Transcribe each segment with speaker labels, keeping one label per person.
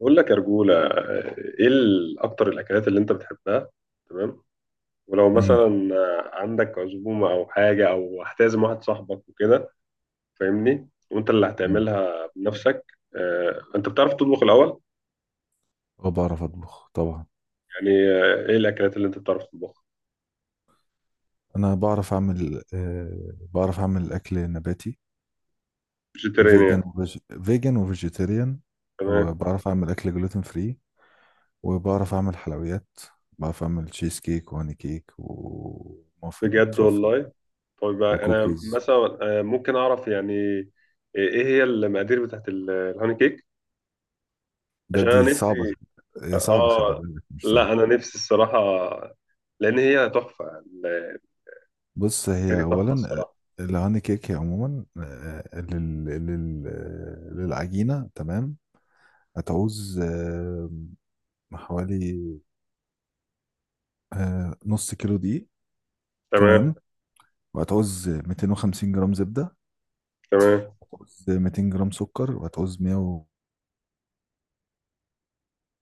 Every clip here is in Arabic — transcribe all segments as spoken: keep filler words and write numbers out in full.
Speaker 1: بقول لك يا رجولة، آه، ايه ال- اكتر الاكلات اللي انت بتحبها؟ تمام. ولو
Speaker 2: امم
Speaker 1: مثلا آه، عندك عزومة او حاجة او هتعزم واحد صاحبك وكده، فاهمني، وانت اللي
Speaker 2: أمم.
Speaker 1: هتعملها بنفسك؟ آه، انت بتعرف تطبخ الاول؟
Speaker 2: اه بعرف اطبخ طبعا.
Speaker 1: يعني آه، ايه الاكلات اللي انت بتعرف تطبخها؟
Speaker 2: انا بعرف اعمل آه بعرف اعمل اكل نباتي.
Speaker 1: فيجيتيريان
Speaker 2: فيجن
Speaker 1: يعني؟
Speaker 2: وفيج... فيجن وفيجيتيريان.
Speaker 1: تمام.
Speaker 2: وبعرف اعمل اكل جلوتين فري. وبعرف اعمل حلويات. بعرف اعمل تشيز كيك وهاني كيك ومافن
Speaker 1: بجد
Speaker 2: وترافل
Speaker 1: والله؟ طيب، آه، انا
Speaker 2: وكوكيز.
Speaker 1: مثلا آه، ممكن اعرف يعني، آه، ايه هي المقادير بتاعت ال- الهوني كيك؟
Speaker 2: ده
Speaker 1: عشان
Speaker 2: دي
Speaker 1: انا
Speaker 2: صعبة.
Speaker 1: نفسي.
Speaker 2: يا صعبة خلي
Speaker 1: اه.
Speaker 2: بالك مش سهل.
Speaker 1: لا، انا نفسي الصراحه. لان هي تحفه يعني.
Speaker 2: بص هي
Speaker 1: دي تحفه
Speaker 2: اولا
Speaker 1: الصراحه.
Speaker 2: آه، الهاني كيك هي عموما آه، لل... لل... آه، للعجينة. تمام. هتعوز آه، حوالي آه نص كيلو دقيق.
Speaker 1: تمام،
Speaker 2: تمام. وهتعوز مئتين وخمسين جرام زبدة.
Speaker 1: تمام.
Speaker 2: وهتعوز مئتين جرام سكر. وهتعوز مئة وتمانين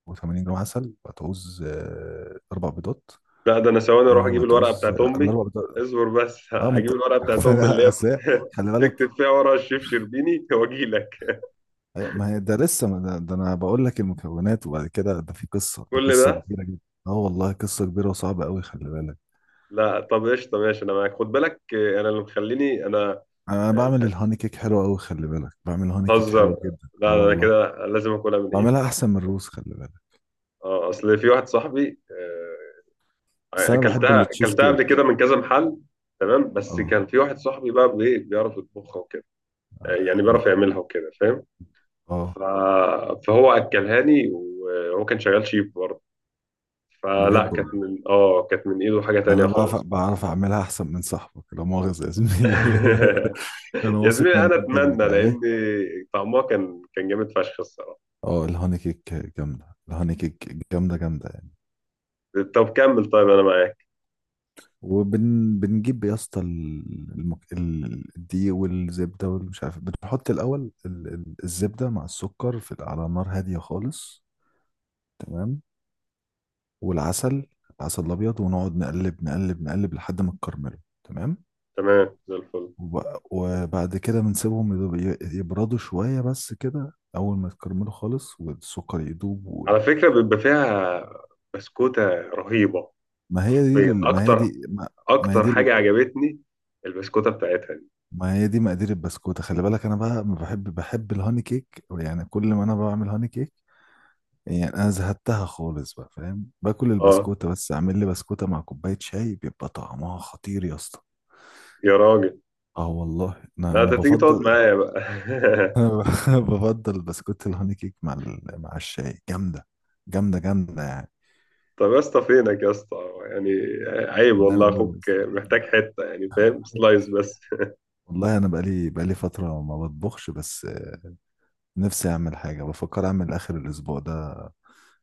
Speaker 2: جرام عسل. وهتعوز آه أربع بيضات.
Speaker 1: لا، ده انا ثواني اروح
Speaker 2: آه
Speaker 1: اجيب الورقه
Speaker 2: وهتعوز
Speaker 1: بتاعت
Speaker 2: آه
Speaker 1: امي.
Speaker 2: الأربع بيضات.
Speaker 1: اصبر بس،
Speaker 2: اه ما
Speaker 1: هجيب
Speaker 2: أنت.
Speaker 1: الورقه بتاعت امي اللي هي بت-
Speaker 2: أصل هي- خلي
Speaker 1: تكتب
Speaker 2: بالك.
Speaker 1: فيها ورا الشيف شربيني واجي لك.
Speaker 2: أيوة، ما هي ده لسه ما ده, ده، أنا بقول لك المكونات. وبعد كده ده في قصة. ده
Speaker 1: كل
Speaker 2: قصة
Speaker 1: ده؟
Speaker 2: كبيرة جدا. اه والله قصة كبيرة وصعبة أوي خلي بالك.
Speaker 1: لا طب قشطه، ماشي انا معاك. خد بالك آه، انا اللي مخليني انا،
Speaker 2: أنا بعمل الهاني كيك حلو أوي خلي بالك. بعمل هاني كيك
Speaker 1: بتهزر؟
Speaker 2: حلوة جدا اه
Speaker 1: لا ده انا
Speaker 2: والله.
Speaker 1: كده لازم اكلها من ايدي.
Speaker 2: بعملها أحسن من الروز خلي بالك.
Speaker 1: اه، اصل في واحد صاحبي آه،
Speaker 2: بس أنا بحب
Speaker 1: اكلتها
Speaker 2: التشيز
Speaker 1: اكلتها قبل
Speaker 2: كيك.
Speaker 1: كده من كذا محل. تمام. بس
Speaker 2: اه
Speaker 1: كان في واحد صاحبي بقى بي- بيعرف يطبخها وكده، آه، يعني
Speaker 2: أعمل-
Speaker 1: بيعرف يعملها وكده، فاهم؟
Speaker 2: اه
Speaker 1: ف... فهو اكلها لي وهو كان شغال شيف برضه. فلا،
Speaker 2: بجد
Speaker 1: كانت
Speaker 2: والله.
Speaker 1: من اه كانت من ايده حاجة تانية
Speaker 2: انا بعرف
Speaker 1: خالص.
Speaker 2: بعرف اعملها احسن من صاحبك، لا مؤاخذة يا زميلي. انا
Speaker 1: يا
Speaker 2: واثق
Speaker 1: زميلي
Speaker 2: من
Speaker 1: انا
Speaker 2: المنتج
Speaker 1: اتمنى،
Speaker 2: بتاعي.
Speaker 1: لان طعمها كان كان جامد فشخ الصراحه.
Speaker 2: اه الهوني كيك جامدة. الهوني كيك جامدة جامدة يعني.
Speaker 1: طب كمل، طيب انا معاك.
Speaker 2: وبنجيب يا اسطى ال- المك... ال- الدقيق والزبدة والمش عارف. بنحط الأول ال... ال- الزبدة مع السكر في على نار هادية خالص. تمام. والعسل. العسل الأبيض. ونقعد نقلب نقلب نقلب لحد ما تكرمله. تمام.
Speaker 1: تمام، زي الفل.
Speaker 2: وب- وبعد كده بنسيبهم يدوب- ي- يبردوا شوية. بس كده أول ما يتكرملوا خالص والسكر يدوب وال...
Speaker 1: على فكره بيبقى فيها بسكوته رهيبه.
Speaker 2: ما هي دي
Speaker 1: حرفياً.
Speaker 2: لل... ما هي
Speaker 1: اكتر
Speaker 2: دي ما... ما هي
Speaker 1: اكتر
Speaker 2: دي
Speaker 1: حاجه
Speaker 2: ال-
Speaker 1: عجبتني، البسكوته بتاعتها دي.
Speaker 2: ما هي دي مقادير البسكوتة. خلي بالك أنا بقى ما بحب بحب الهوني كيك يعني. كل ما أنا بعمل هوني كيك يعني أنا زهدتها خالص بقى فاهم. باكل
Speaker 1: اه،
Speaker 2: البسكوتة بس. أعمل لي بسكوتة مع كوباية شاي بيبقى طعمها خطير يا اسطى.
Speaker 1: يا راجل.
Speaker 2: اه والله انا
Speaker 1: لا
Speaker 2: انا
Speaker 1: انت تيجي تقعد
Speaker 2: بفضل.
Speaker 1: معايا بقى.
Speaker 2: انا بفضل بسكوت الهوني كيك مع ال... مع الشاي جامده. جامده جامده يعني.
Speaker 1: طب يا اسطى، فينك يا اسطى؟ يعني، عيب والله،
Speaker 2: هنعمل ايه
Speaker 1: اخوك
Speaker 2: بس.
Speaker 1: محتاج حته يعني، فاهم؟ سلايس بس.
Speaker 2: والله انا بقالي بقالي فتره ما بطبخش بس آه، نفسي اعمل حاجه. بفكر اعمل اخر الاسبوع ده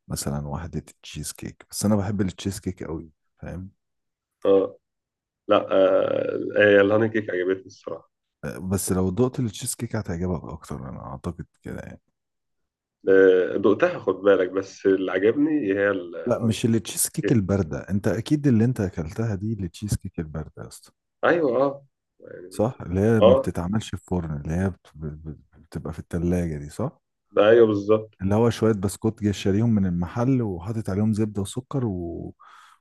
Speaker 2: مثلا واحده تشيز كيك بس انا بحب التشيز كيك قوي فاهم.
Speaker 1: اه. لا آه هي الهاني كيك عجبتني الصراحه.
Speaker 2: آه، بس لو دقت التشيز كيك هتعجبك اكتر انا اعتقد كده يعني.
Speaker 1: آه، دقتها، خد بالك، بس اللي عجبني هي ال-
Speaker 2: لا
Speaker 1: الهاني
Speaker 2: مش التشيز كيك
Speaker 1: كيك.
Speaker 2: البارده. انت اكيد اللي انت اكلتها دي التشيز كيك البارده يا اسطى.
Speaker 1: ايوه، اه. يعني.
Speaker 2: صح اللي هي ما
Speaker 1: اه،
Speaker 2: بتتعملش في فرن. اللي هي بت- بت- بتبقى في التلاجة دي صح.
Speaker 1: ده ايوه بالظبط.
Speaker 2: اللي هو شوية بسكوت جاي شاريهم من المحل وحاطط عليهم زبدة وسكر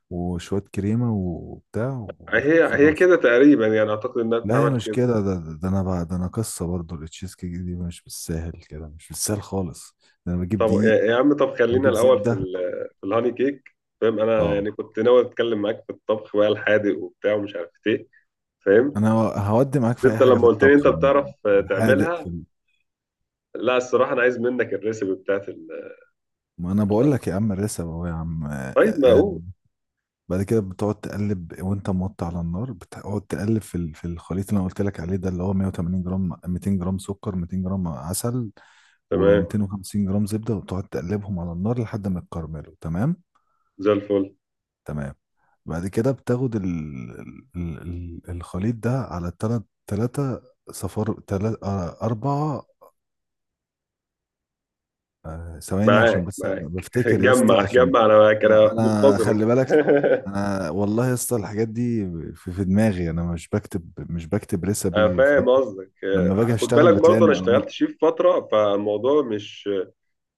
Speaker 2: وشوية كريمة وبتاع
Speaker 1: هي هي
Speaker 2: وخلاص.
Speaker 1: كده تقريبا يعني، اعتقد انها
Speaker 2: لا هي
Speaker 1: بتتعمل
Speaker 2: مش
Speaker 1: كده.
Speaker 2: كده. ده, ده, ده انا بقى، ده انا قصة برضو التشيز كيك دي مش بالساهل كده، مش بالساهل خالص. ده انا بجيب
Speaker 1: طب يا
Speaker 2: دقيق
Speaker 1: يا عم، طب خلينا
Speaker 2: واجيب
Speaker 1: الاول في
Speaker 2: زبدة.
Speaker 1: ال- في الهاني كيك. فاهم؟ انا
Speaker 2: اه
Speaker 1: يعني كنت ناوي اتكلم معاك في الطبخ بقى الحادق وبتاع ومش عارف ايه، فاهم؟
Speaker 2: انا هودي معاك
Speaker 1: بس
Speaker 2: في اي
Speaker 1: انت
Speaker 2: حاجة في
Speaker 1: لما قلت لي انت
Speaker 2: الطبخ
Speaker 1: بتعرف
Speaker 2: عموما
Speaker 1: آه،
Speaker 2: في الحادق في
Speaker 1: تعملها.
Speaker 2: ال-
Speaker 1: لا الصراحه، انا عايز منك الريسيبي بتاعت ال-
Speaker 2: ما انا بقول
Speaker 1: الهاني كيك.
Speaker 2: لك يا عم الرسم اهو يا عم آه،
Speaker 1: طيب،
Speaker 2: آه، آه.
Speaker 1: معقول.
Speaker 2: بعد كده بتقعد تقلب وانت موطي على النار. بتقعد تقلب في ال- في الخليط اللي انا قلت لك عليه ده اللي هو مئة وتمانين جرام مئتين جرام سكر مئتين جرام عسل
Speaker 1: تمام،
Speaker 2: و250 جرام زبدة. وتقعد تقلبهم على النار لحد ما يتكرملوا. تمام.
Speaker 1: زي الفل.
Speaker 2: تمام. بعد كده بتاخد ال... ال... ال- الخليط ده على تلات تلاتة. صفار تلات آه، أربعة. آه، ثواني
Speaker 1: معاك
Speaker 2: عشان بس أبقى
Speaker 1: معاك
Speaker 2: بفتكر يا اسطى
Speaker 1: جمع
Speaker 2: عشان
Speaker 1: جمع انا معاك، انا
Speaker 2: أنا
Speaker 1: منتظرك.
Speaker 2: خلي بالك. أنا والله يا اسطى الحاجات دي في, في دماغي. أنا مش بكتب مش بكتب
Speaker 1: انا
Speaker 2: ريسبي
Speaker 1: فاهم
Speaker 2: فاهم.
Speaker 1: قصدك.
Speaker 2: لما
Speaker 1: آه،
Speaker 2: باجي
Speaker 1: خد
Speaker 2: أشتغل
Speaker 1: بالك
Speaker 2: بتلاقي
Speaker 1: برضه انا
Speaker 2: المعلومات.
Speaker 1: اشتغلت شيف فتره، فالموضوع مش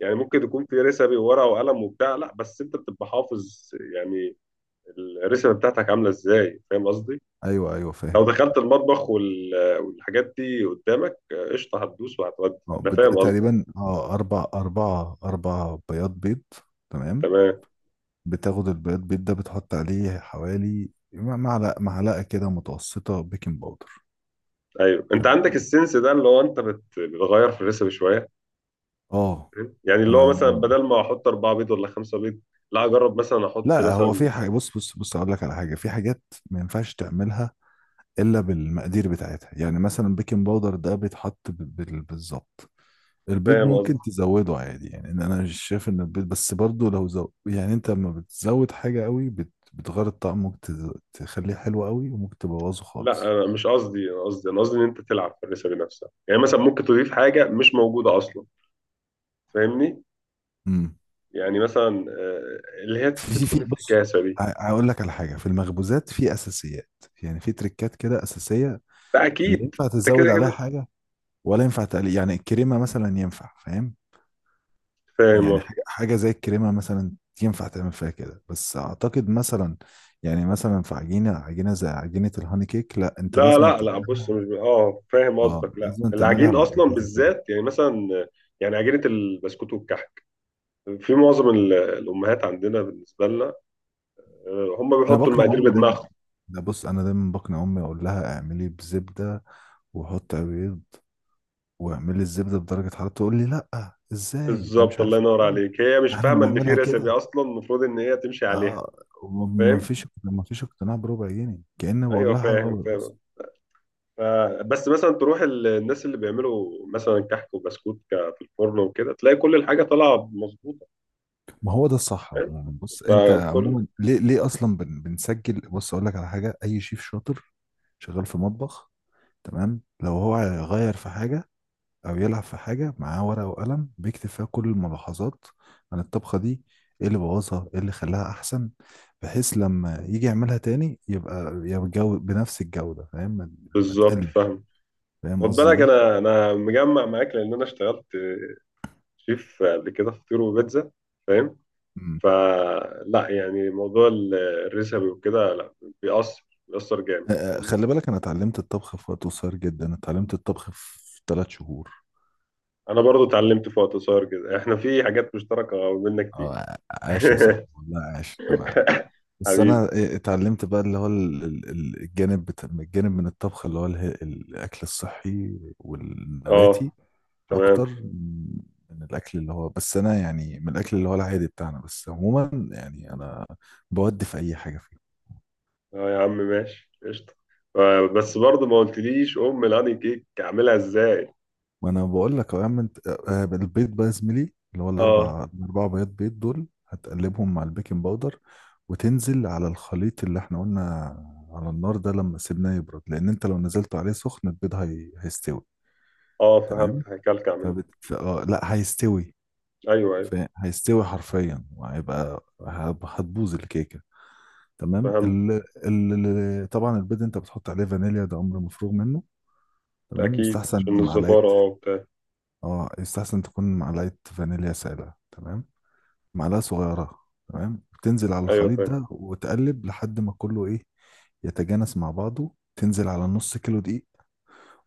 Speaker 1: يعني، ممكن يكون في رسبي وورقه وقلم وبتاع. لا بس انت بتبقى حافظ يعني، الرسبه بتاعتك عامله ازاي، فاهم قصدي؟
Speaker 2: أيوه أيوه فاهم.
Speaker 1: لو دخلت المطبخ وال- والحاجات دي قدامك، آه، قشطه هتدوس وهتودي.
Speaker 2: اه
Speaker 1: انا
Speaker 2: بت...
Speaker 1: فاهم قصدي.
Speaker 2: تقريبا اه أربع أربعة أربع بياض بيض. تمام.
Speaker 1: تمام.
Speaker 2: بتاخد البياض بيض ده بتحط عليه حوالي معلقة معلقة كده متوسطة بيكنج باودر.
Speaker 1: ايوه، انت عندك
Speaker 2: تمام.
Speaker 1: السنس ده اللي هو انت بت- بتغير في الريسبي شويه،
Speaker 2: اه
Speaker 1: فاهم؟ يعني اللي هو
Speaker 2: أنا،
Speaker 1: مثلا بدل ما احط اربعه بيض ولا خمسه بيض، لا اجرب مثلا احط
Speaker 2: لا هو
Speaker 1: مثلا،
Speaker 2: في حاجة. بص بص بص أقول لك على حاجة. في حاجات ما ينفعش تعملها إلا بالمقادير بتاعتها. يعني مثلا بيكنج باودر ده بيتحط ب- بال- بالظبط. البيض
Speaker 1: فاهم قصدي؟
Speaker 2: ممكن تزوده عادي يعني ان انا مش شايف ان البيض، بس برضو لو زو يعني انت لما بتزود حاجة قوي بت... بتغير الطعم. ممكن تز... تخليه حلو قوي وممكن تبوظه
Speaker 1: لا،
Speaker 2: خالص.
Speaker 1: انا مش قصدي، انا قصدي انا قصدي ان انت تلعب في الريسبي نفسها، يعني مثلا ممكن تضيف حاجه مش موجوده اصلا، فاهمني؟
Speaker 2: امم
Speaker 1: يعني مثلا آه، اللي هي
Speaker 2: في
Speaker 1: بتكون
Speaker 2: في بص
Speaker 1: افتكاسة دي.
Speaker 2: ه- هقول لك على حاجة في المخبوزات في اساسيات. يعني في تريكات كده اساسية.
Speaker 1: لا
Speaker 2: لا
Speaker 1: أكيد،
Speaker 2: ينفع
Speaker 1: أنت
Speaker 2: تزود
Speaker 1: كده
Speaker 2: عليها
Speaker 1: كده
Speaker 2: حاجة ولا ينفع تقلل يعني الكريمة مثلا ينفع فاهم. يعني
Speaker 1: فاهم.
Speaker 2: حاجة حاجة زي الكريمة مثلا ينفع تعمل فيها كده بس أعتقد مثلا يعني مثلا في عجينة عجينة زي عجينة الهاني كيك لا أنت
Speaker 1: لا،
Speaker 2: لازم
Speaker 1: لا، لا، بص،
Speaker 2: تعملها.
Speaker 1: مش ب... اه فاهم
Speaker 2: اه
Speaker 1: قصدك. لا
Speaker 2: لازم تعملها
Speaker 1: العجين
Speaker 2: بعد
Speaker 1: أصلا
Speaker 2: الحذافير.
Speaker 1: بالذات، يعني مثلا آه، يعني عجينة البسكوت والكحك، في معظم ال- الأمهات عندنا بالنسبة لنا، آه، هم
Speaker 2: أنا
Speaker 1: بيحطوا
Speaker 2: بقنع
Speaker 1: المقادير
Speaker 2: أمي
Speaker 1: بدماغهم.
Speaker 2: دايما. ده بص أنا دايما بقنع أمي أقول لها اعملي بزبدة وحط بيض واعملي الزبدة بدرجة حرارة. تقول لي لا، إزاي ده مش
Speaker 1: بالظبط، الله
Speaker 2: عارف
Speaker 1: ينور
Speaker 2: إيه.
Speaker 1: عليك. هي مش
Speaker 2: ده إحنا
Speaker 1: فاهمة إن في
Speaker 2: بنعملها
Speaker 1: رecipe
Speaker 2: كده.
Speaker 1: أصلا المفروض إن هي تمشي عليها،
Speaker 2: اه. وما- ما
Speaker 1: فاهم؟
Speaker 2: فيش ما فيش اقتناع بربع جنيه كأني بقول
Speaker 1: أيوه،
Speaker 2: لها حاجة
Speaker 1: فاهم،
Speaker 2: غلط بس.
Speaker 1: فاهم. فبس مثلا تروح ال- الناس اللي بيعملوا مثلا كحك وبسكوت ك- في الفرن وكده، تلاقي كل الحاجه طالعه مظبوطه،
Speaker 2: ما هو ده الصح عموما. بص انت
Speaker 1: فاهم؟ فكل،
Speaker 2: عموما ليه ليه اصلا بن بنسجل. بص اقول لك على حاجه. اي شيف شاطر شغال في مطبخ تمام لو هو يغير في حاجه او يلعب في حاجه معاه ورقه وقلم بيكتب فيها كل الملاحظات عن الطبخه دي. ايه اللي بوظها ايه اللي خلاها احسن. بحيث لما يجي يعملها تاني يبقى يبقى الجو- بنفس الجوده فاهم. ما ما
Speaker 1: بالظبط،
Speaker 2: تقلش.
Speaker 1: فاهم.
Speaker 2: فاهم
Speaker 1: خد
Speaker 2: قصدي
Speaker 1: بالك
Speaker 2: ايه.
Speaker 1: انا انا مجمع معاك، لان انا اشتغلت شيف قبل كده في فطير وبيتزا، فاهم؟
Speaker 2: مم.
Speaker 1: فلا يعني موضوع ال- الريسبي وكده، لا، بيأثر بيأثر جامد،
Speaker 2: آه،
Speaker 1: فاهمني؟
Speaker 2: خلي بالك انا اتعلمت الطبخ في وقت قصير جدا. اتعلمت الطبخ في ثلاث شهور.
Speaker 1: انا برضو اتعلمت في وقت قصير كده، احنا في حاجات مشتركه ما بيننا كتير.
Speaker 2: اه عاش يا صاحبي والله عاش انا. بس
Speaker 1: حبيبي.
Speaker 2: انا إيه اتعلمت بقى اللي هو ال- ال- ال- الجانب بتا... الجانب من الطبخ اللي هو اله- الاكل الصحي والنباتي
Speaker 1: اه. تمام.
Speaker 2: اكتر من من الاكل اللي هو، بس انا يعني من الاكل اللي هو العادي بتاعنا. بس عموما يعني انا بودي في اي حاجه فيه.
Speaker 1: اه يا عم، ماشي قشطة. آه، بس برضه ما قلتليش أم الهاني كيك أعملها إزاي؟
Speaker 2: ما انا بقول لك اهو يا عم انت آه، البيض بقى يا زميلي اللي هو
Speaker 1: اه.
Speaker 2: الاربع الاربع بيض بيض دول هتقلبهم مع البيكنج باودر. وتنزل على الخليط اللي احنا قلنا على النار ده لما سيبناه يبرد، لان انت لو نزلت عليه سخن البيض هي... هيستوي.
Speaker 1: اه، فهمت،
Speaker 2: تمام.
Speaker 1: هيكلكع مني.
Speaker 2: فبت... ف... آه، لا هيستوي.
Speaker 1: أيوه، أيوه،
Speaker 2: ف... هيستوي حرفيا وهيبقى هب- هتبوظ الكيكه. تمام.
Speaker 1: فهمت.
Speaker 2: ال... ال... ال- طبعا البيض انت بتحط عليه فانيليا ده امر مفروغ منه. تمام
Speaker 1: أكيد
Speaker 2: مستحسن
Speaker 1: عشان
Speaker 2: معلقه.
Speaker 1: الزفارة اه وبتاع.
Speaker 2: اه يستحسن تكون معلقة فانيليا سائلة. تمام معلقة صغيرة. تمام تنزل على
Speaker 1: أيوه
Speaker 2: الخليط
Speaker 1: فاهم.
Speaker 2: ده وتقلب لحد ما كله ايه يتجانس مع بعضه. تنزل على نص كيلو دقيق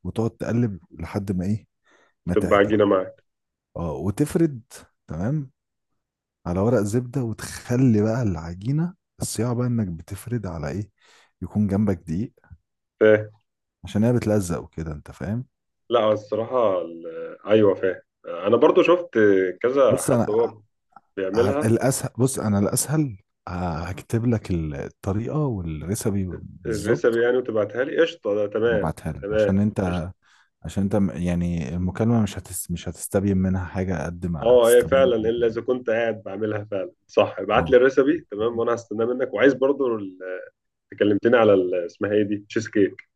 Speaker 2: وتقعد تقلب لحد ما ايه ما
Speaker 1: تبقى
Speaker 2: تعجن.
Speaker 1: عجينة معاك.
Speaker 2: اه وتفرد. تمام على ورق زبدة وتخلي بقى العجينة. الصياعة بقى انك بتفرد على ايه، يكون جنبك دقيق
Speaker 1: فاهم.
Speaker 2: عشان هي بتلزق وكده انت فاهم.
Speaker 1: لا الصراحة، ال- آه، أيوه فاهم، أنا برضه شفت كذا
Speaker 2: بص
Speaker 1: حد
Speaker 2: انا
Speaker 1: هو
Speaker 2: ع-
Speaker 1: بيعملها.
Speaker 2: الاسهل. بص انا الاسهل ه- هكتب لك ال- الطريقه والريسبي وال- بالظبط
Speaker 1: الريسبي يعني وتبعتها لي قشطة، ده تمام.
Speaker 2: وابعتها لك
Speaker 1: تمام،
Speaker 2: عشان
Speaker 1: قشطة.
Speaker 2: انت عشان انت م- يعني المكالمه مش هتس مش هتستبين منها حاجه قد ما
Speaker 1: اه هي
Speaker 2: هتستبين.
Speaker 1: فعلا، الا اذا كنت قاعد بعملها فعلا. صح، ابعت لي
Speaker 2: اه
Speaker 1: الريسبي تمام، وانا هستناه منك. وعايز برضو كلمتني على ال- اسمها ايه دي، تشيز كيك.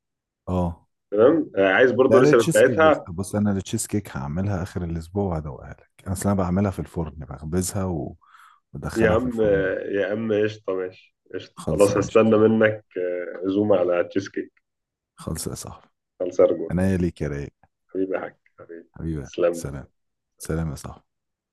Speaker 2: اه.
Speaker 1: تمام، آه، عايز برضو
Speaker 2: لا لا
Speaker 1: الريسيبي
Speaker 2: تشيز كيك بص
Speaker 1: بتاعتها.
Speaker 2: بص. انا التشيز كيك هعملها اخر الاسبوع وهدوقها لك انا اصل انا بعملها في الفرن بخبزها و-
Speaker 1: يا
Speaker 2: وادخلها في
Speaker 1: عم
Speaker 2: الفرن.
Speaker 1: آه، يا عم قشطه، ماشي قشطه،
Speaker 2: خالصه
Speaker 1: خلاص
Speaker 2: ماشي
Speaker 1: هستنى
Speaker 2: صح.
Speaker 1: منك آه، عزومه على تشيز كيك.
Speaker 2: خالصه يا صاحبي.
Speaker 1: خلص ارجو.
Speaker 2: عناية ليك يا رايق
Speaker 1: حبيبي يا حاج، حبيبي.
Speaker 2: حبيبي.
Speaker 1: تسلم.
Speaker 2: سلام سلام يا صاحبي.